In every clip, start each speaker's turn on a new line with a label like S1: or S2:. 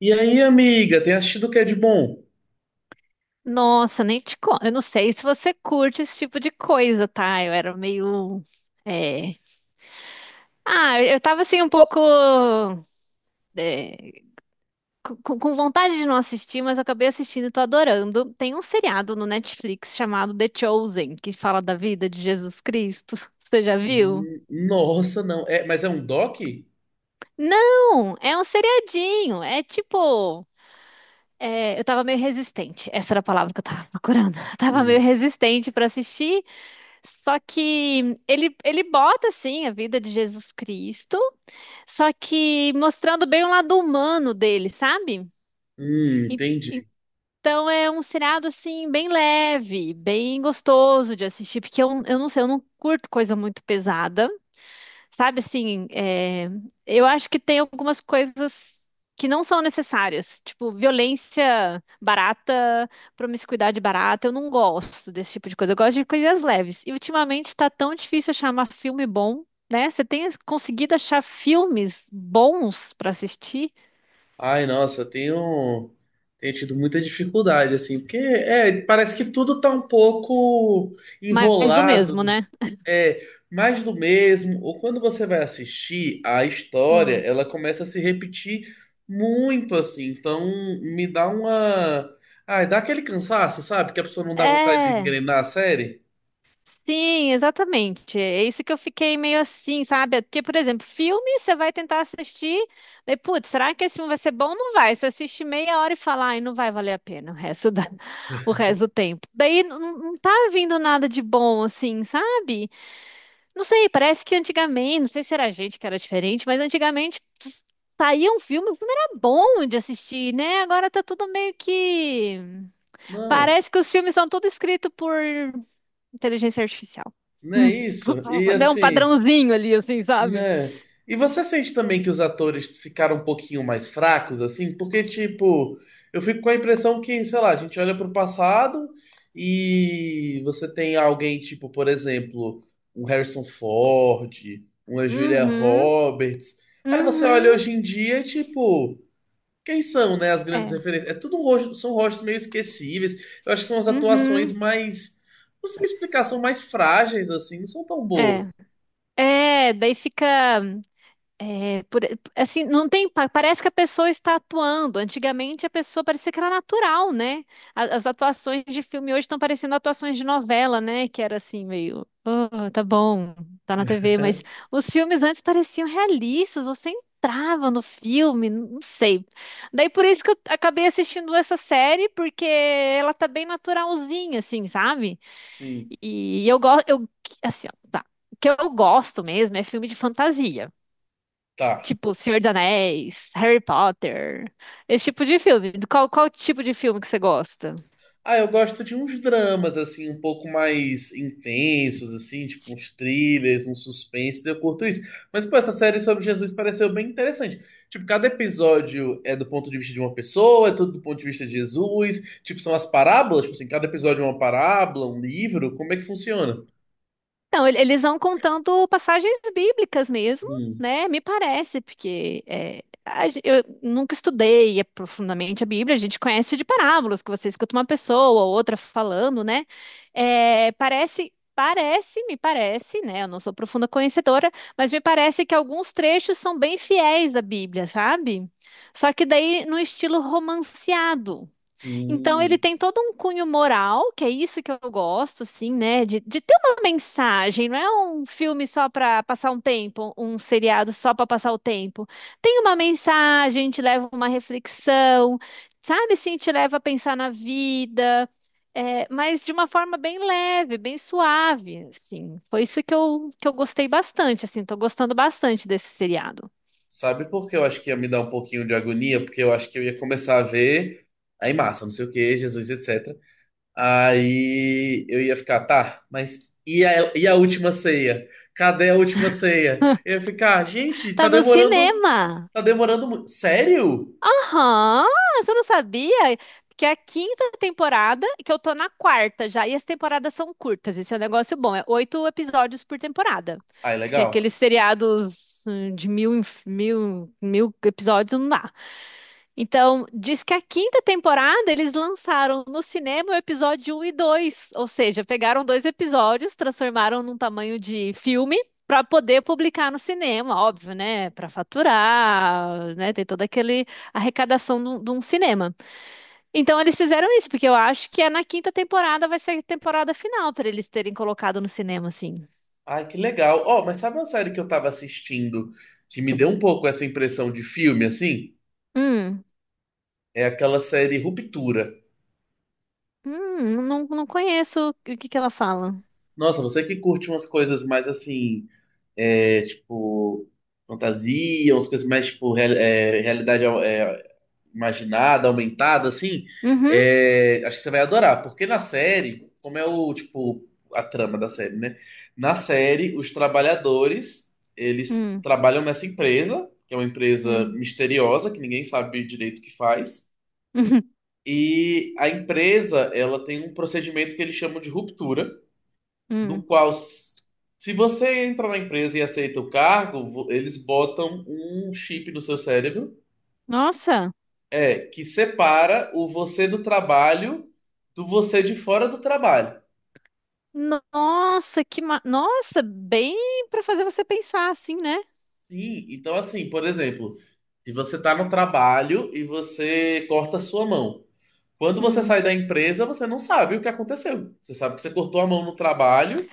S1: E aí, amiga, tem assistido o que é de bom?
S2: Nossa, nem te conto. Eu não sei se você curte esse tipo de coisa, tá? Eu era meio. é, Ah, eu tava assim um pouco. é, com vontade de não assistir, mas eu acabei assistindo e tô adorando. Tem um seriado no Netflix chamado The Chosen, que fala da vida de Jesus Cristo. Você já viu?
S1: Nossa, não. É, mas é um doc?
S2: Não! É um seriadinho. É tipo. Eu tava meio resistente. Essa era a palavra que eu tava procurando. Eu tava meio
S1: Hum,
S2: resistente pra assistir. Só que ele bota, assim, a vida de Jesus Cristo, só que mostrando bem o lado humano dele, sabe? E-
S1: entendi.
S2: Então é um seriado, assim, bem leve, bem gostoso de assistir, porque eu não sei, eu não curto coisa muito pesada. Sabe assim, eu acho que tem algumas coisas que não são necessárias, tipo violência barata, promiscuidade barata. Eu não gosto desse tipo de coisa. Eu gosto de coisas leves. E ultimamente tá tão difícil achar um filme bom, né? Você tem conseguido achar filmes bons pra assistir,
S1: Ai, nossa, tenho tido muita dificuldade, assim, porque parece que tudo tá um pouco
S2: mas do
S1: enrolado,
S2: mesmo,
S1: né?
S2: né?
S1: É, mais do mesmo. Ou quando você vai assistir a história,
S2: Hum.
S1: ela começa a se repetir muito, assim. Então, me dá uma. Ai, dá aquele cansaço, sabe? Que a pessoa não dá vontade de
S2: É.
S1: engrenar a série.
S2: Sim, exatamente. É isso que eu fiquei meio assim, sabe? Porque, por exemplo, filme, você vai tentar assistir, daí, putz, será que esse filme vai ser bom? Não vai. Você assiste meia hora e fala, ai, não vai valer a pena o resto do tempo. Daí não tá vindo nada de bom, assim, sabe? Não sei, parece que antigamente, não sei se era a gente que era diferente, mas antigamente saía um filme, o filme era bom de assistir, né? Agora tá tudo meio que.
S1: Não.
S2: Parece que os filmes são tudo escritos por inteligência artificial.
S1: Não é isso? E
S2: Deu um
S1: assim,
S2: padrãozinho ali, assim, sabe?
S1: né? E você sente também que os atores ficaram um pouquinho mais fracos, assim? Porque, tipo, eu fico com a impressão que, sei lá, a gente olha pro passado e você tem alguém, tipo, por exemplo, um Harrison Ford, uma Julia
S2: Uhum,
S1: Roberts. Aí você olha
S2: uhum,
S1: hoje em dia, tipo, quem são, né, as grandes
S2: é,
S1: referências? É tudo um rosto, são rostos meio esquecíveis. Eu acho que são as atuações
S2: uhum,
S1: mais. Não sei explicar, são mais frágeis, assim, não são tão
S2: é.
S1: boas.
S2: É, daí fica. É Por- assim, não tem, parece que a pessoa está atuando. Antigamente a pessoa parecia que era natural, né? As, atuações de filme hoje estão parecendo atuações de novela, né? Que era assim meio, "Ah, tá bom, tá na TV, mas
S1: É?
S2: os filmes antes pareciam realistas, você entrava no filme, não sei. Daí por isso que eu acabei assistindo essa série, porque ela tá bem naturalzinha, assim, sabe?
S1: Sim,
S2: E eu gosto, eu, assim, ó, tá. O que eu gosto mesmo é filme de fantasia.
S1: tá.
S2: Tipo, Senhor dos Anéis, Harry Potter, esse tipo de filme. Qual tipo de filme que você gosta?
S1: Ah, eu gosto de uns dramas, assim, um pouco mais intensos, assim, tipo uns thrillers, uns suspenses, eu curto isso. Mas, pô, essa série sobre Jesus pareceu bem interessante. Tipo, cada episódio é do ponto de vista de uma pessoa, é tudo do ponto de vista de Jesus. Tipo, são as parábolas, tipo assim, cada episódio é uma parábola, um livro, como é que funciona?
S2: Então, eles vão contando passagens bíblicas mesmo,
S1: Hum,
S2: né? Me parece, porque é, eu nunca estudei profundamente a Bíblia, a gente conhece de parábolas, que você escuta uma pessoa ou outra falando, né? É, parece, me parece, né? Eu não sou profunda conhecedora, mas me parece que alguns trechos são bem fiéis à Bíblia, sabe? Só que daí no estilo romanceado. Então ele
S1: hum.
S2: tem todo um cunho moral, que é isso que eu gosto, assim, né? De ter uma mensagem, não é um filme só para passar um tempo, um seriado só para passar o tempo. Tem uma mensagem, te leva a uma reflexão, sabe? Sim, te leva a pensar na vida, mas de uma forma bem leve, bem suave, assim. Foi isso que eu gostei bastante, assim, tô gostando bastante desse seriado.
S1: Sabe por que eu acho que ia me dar um pouquinho de agonia? Porque eu acho que eu ia começar a ver aí massa, não sei o que, Jesus, etc. Aí eu ia ficar, tá, mas e a última ceia? Cadê a última ceia? Eu ia ficar, gente,
S2: Tá no cinema!
S1: tá demorando muito. Sério?
S2: Aham, você não sabia? Que é a quinta temporada, e que eu tô na quarta já, e as temporadas são curtas, esse é um negócio bom, é oito episódios por temporada.
S1: Ai,
S2: Porque
S1: legal.
S2: aqueles seriados de mil episódios não dá. Então, diz que a quinta temporada eles lançaram no cinema o episódio um e 2, ou seja, pegaram dois episódios, transformaram num tamanho de filme para poder publicar no cinema, óbvio, né? Para faturar, né? Tem toda aquele arrecadação de um cinema. Então, eles fizeram isso, porque eu acho que é na quinta temporada vai ser a temporada final para eles terem colocado no cinema, assim.
S1: Ai, que legal. Ó, mas sabe uma série que eu tava assistindo que me deu um pouco essa impressão de filme, assim?
S2: Hum,
S1: É aquela série Ruptura.
S2: não, não conheço o que que ela fala.
S1: Nossa, você que curte umas coisas mais assim tipo, fantasia, umas coisas mais, tipo, realidade imaginada, aumentada, assim,
S2: Uhum,
S1: acho que você vai adorar, porque na série, como é o, tipo, a trama da série, né? Na série, os trabalhadores, eles
S2: hum,
S1: trabalham nessa empresa, que é uma empresa
S2: hum,
S1: misteriosa, que ninguém sabe direito o que faz, e a empresa, ela tem um procedimento que eles chamam de ruptura, do
S2: hum.
S1: qual, se você entra na empresa e aceita o cargo, eles botam um chip no seu cérebro
S2: Nossa,
S1: que separa o você do trabalho do você de fora do trabalho.
S2: nossa, Nossa, bem pra fazer você pensar assim, né?
S1: Sim, então assim, por exemplo, se você tá no trabalho e você corta a sua mão. Quando você
S2: Hum.
S1: sai da empresa, você não sabe o que aconteceu. Você sabe que você cortou a mão no trabalho.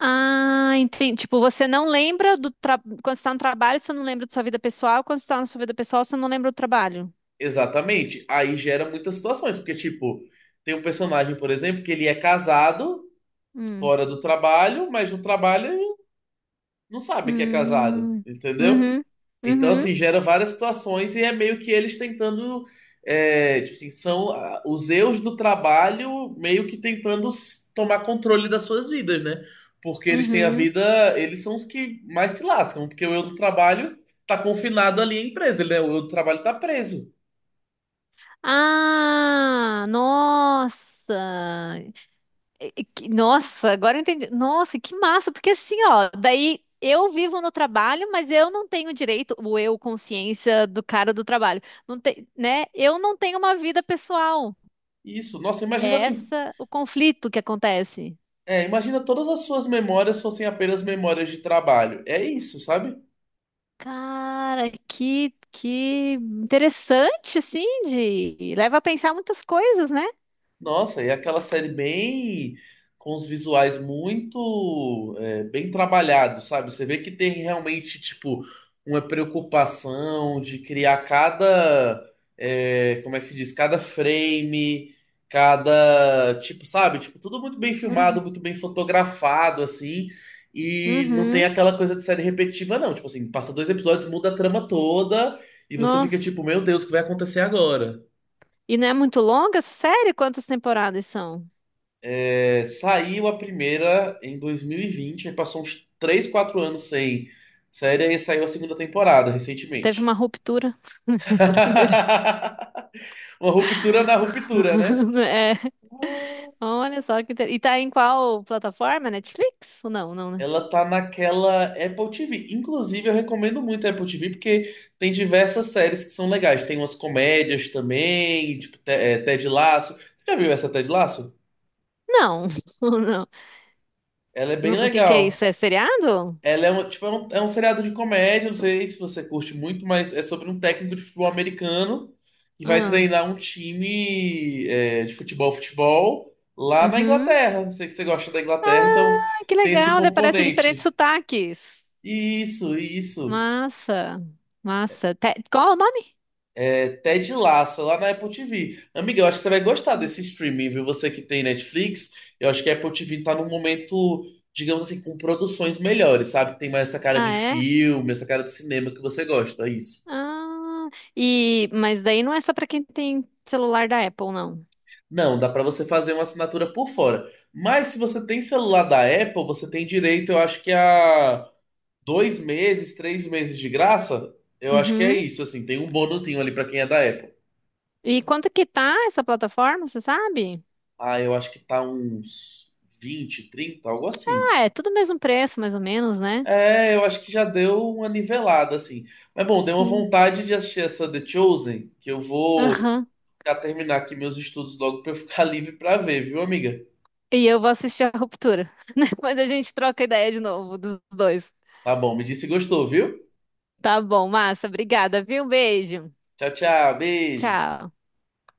S2: Ah, entendi. Tipo, você não lembra quando você tá no trabalho, você não lembra da sua vida pessoal. Quando você tá na sua vida pessoal, você não lembra do trabalho.
S1: Exatamente. Aí gera muitas situações, porque tipo, tem um personagem, por exemplo, que ele é casado
S2: Hum.
S1: fora do trabalho, mas no trabalho ele não sabe que é casado,
S2: Hum.
S1: entendeu?
S2: Uhum.
S1: Então,
S2: Uhum.
S1: assim, gera várias situações e é meio que eles tentando. Tipo assim, são os eus do trabalho meio que tentando tomar controle das suas vidas, né? Porque eles têm a
S2: Uhum.
S1: vida, eles são os que mais se lascam, porque o eu do trabalho tá confinado ali à empresa, o eu do trabalho tá preso.
S2: Ah, nossa. Nossa, agora eu entendi. Nossa, que massa, porque assim, ó, daí eu vivo no trabalho, mas eu não tenho direito, o eu, consciência do cara do trabalho, não tem, né? Eu não tenho uma vida pessoal.
S1: Isso, nossa, imagina
S2: É
S1: assim,
S2: essa o conflito que acontece.
S1: imagina todas as suas memórias fossem apenas memórias de trabalho. É isso, sabe?
S2: Cara, que interessante, assim, de leva a pensar muitas coisas, né?
S1: Nossa, e aquela série bem com os visuais muito bem trabalhados, sabe? Você vê que tem realmente tipo uma preocupação de criar cada como é que se diz? Cada frame, cada tipo, sabe? Tipo, tudo muito bem filmado,
S2: Uhum.
S1: muito bem fotografado, assim. E não tem
S2: Uhum.
S1: aquela coisa de série repetitiva, não. Tipo assim, passa dois episódios, muda a trama toda e você fica
S2: Nossa.
S1: tipo, meu Deus, o que vai acontecer agora?
S2: E não é muito longa essa série? Quantas temporadas são?
S1: É, saiu a primeira em 2020, aí passou uns 3 ou 4 anos sem série, aí saiu a segunda temporada
S2: Teve uma
S1: recentemente.
S2: ruptura entre a primeira
S1: Uma ruptura na ruptura, né?
S2: É, olha só que E tá em qual plataforma? Netflix? Ou não, não, né?
S1: Ela tá naquela Apple TV. Inclusive, eu recomendo muito a Apple TV porque tem diversas séries que são legais. Tem umas comédias também, tipo Ted Lasso. Já viu essa Ted Lasso?
S2: Não, ou não.
S1: Ela é bem
S2: Não, o que que é isso?
S1: legal.
S2: É seriado?
S1: Ela é é um seriado de comédia, não sei se você curte muito, mas é sobre um técnico de futebol americano que vai
S2: Ah,
S1: treinar um time de futebol, futebol lá na
S2: uhum.
S1: Inglaterra. Sei que você gosta da Inglaterra, então
S2: Ah, que
S1: tem esse
S2: legal, daí aparece diferentes
S1: componente.
S2: sotaques.
S1: Isso, isso.
S2: Massa, massa. Qual é o nome?
S1: É Ted Lasso, lá na Apple TV. Amiga, eu acho que você vai gostar desse streaming, viu? Você que tem Netflix, eu acho que a Apple TV tá num momento, digamos assim, com produções melhores, sabe? Tem mais essa cara de
S2: Ah, é?
S1: filme, essa cara de cinema que você gosta, isso.
S2: Ah, e... Mas daí não é só pra quem tem celular da Apple, não.
S1: Não, dá pra você fazer uma assinatura por fora. Mas se você tem celular da Apple, você tem direito, eu acho que a 2 meses, 3 meses de graça. Eu acho que é
S2: Uhum.
S1: isso, assim, tem um bonuzinho ali pra quem é da Apple.
S2: E quanto que tá essa plataforma, você sabe?
S1: Ah, eu acho que tá uns 20, 30, algo assim.
S2: Ah, é tudo o mesmo preço, mais ou menos, né?
S1: É, eu acho que já deu uma nivelada, assim. Mas bom, deu uma
S2: Sim.
S1: vontade de assistir essa The Chosen, que eu vou
S2: Aham.
S1: já terminar aqui meus estudos logo pra eu ficar livre pra ver, viu, amiga?
S2: E eu vou assistir a Ruptura. Depois a gente troca ideia de novo dos dois.
S1: Tá bom, me disse se gostou, viu?
S2: Tá bom, massa. Obrigada, viu? Um beijo.
S1: Tchau, tchau, beijo.
S2: Tchau.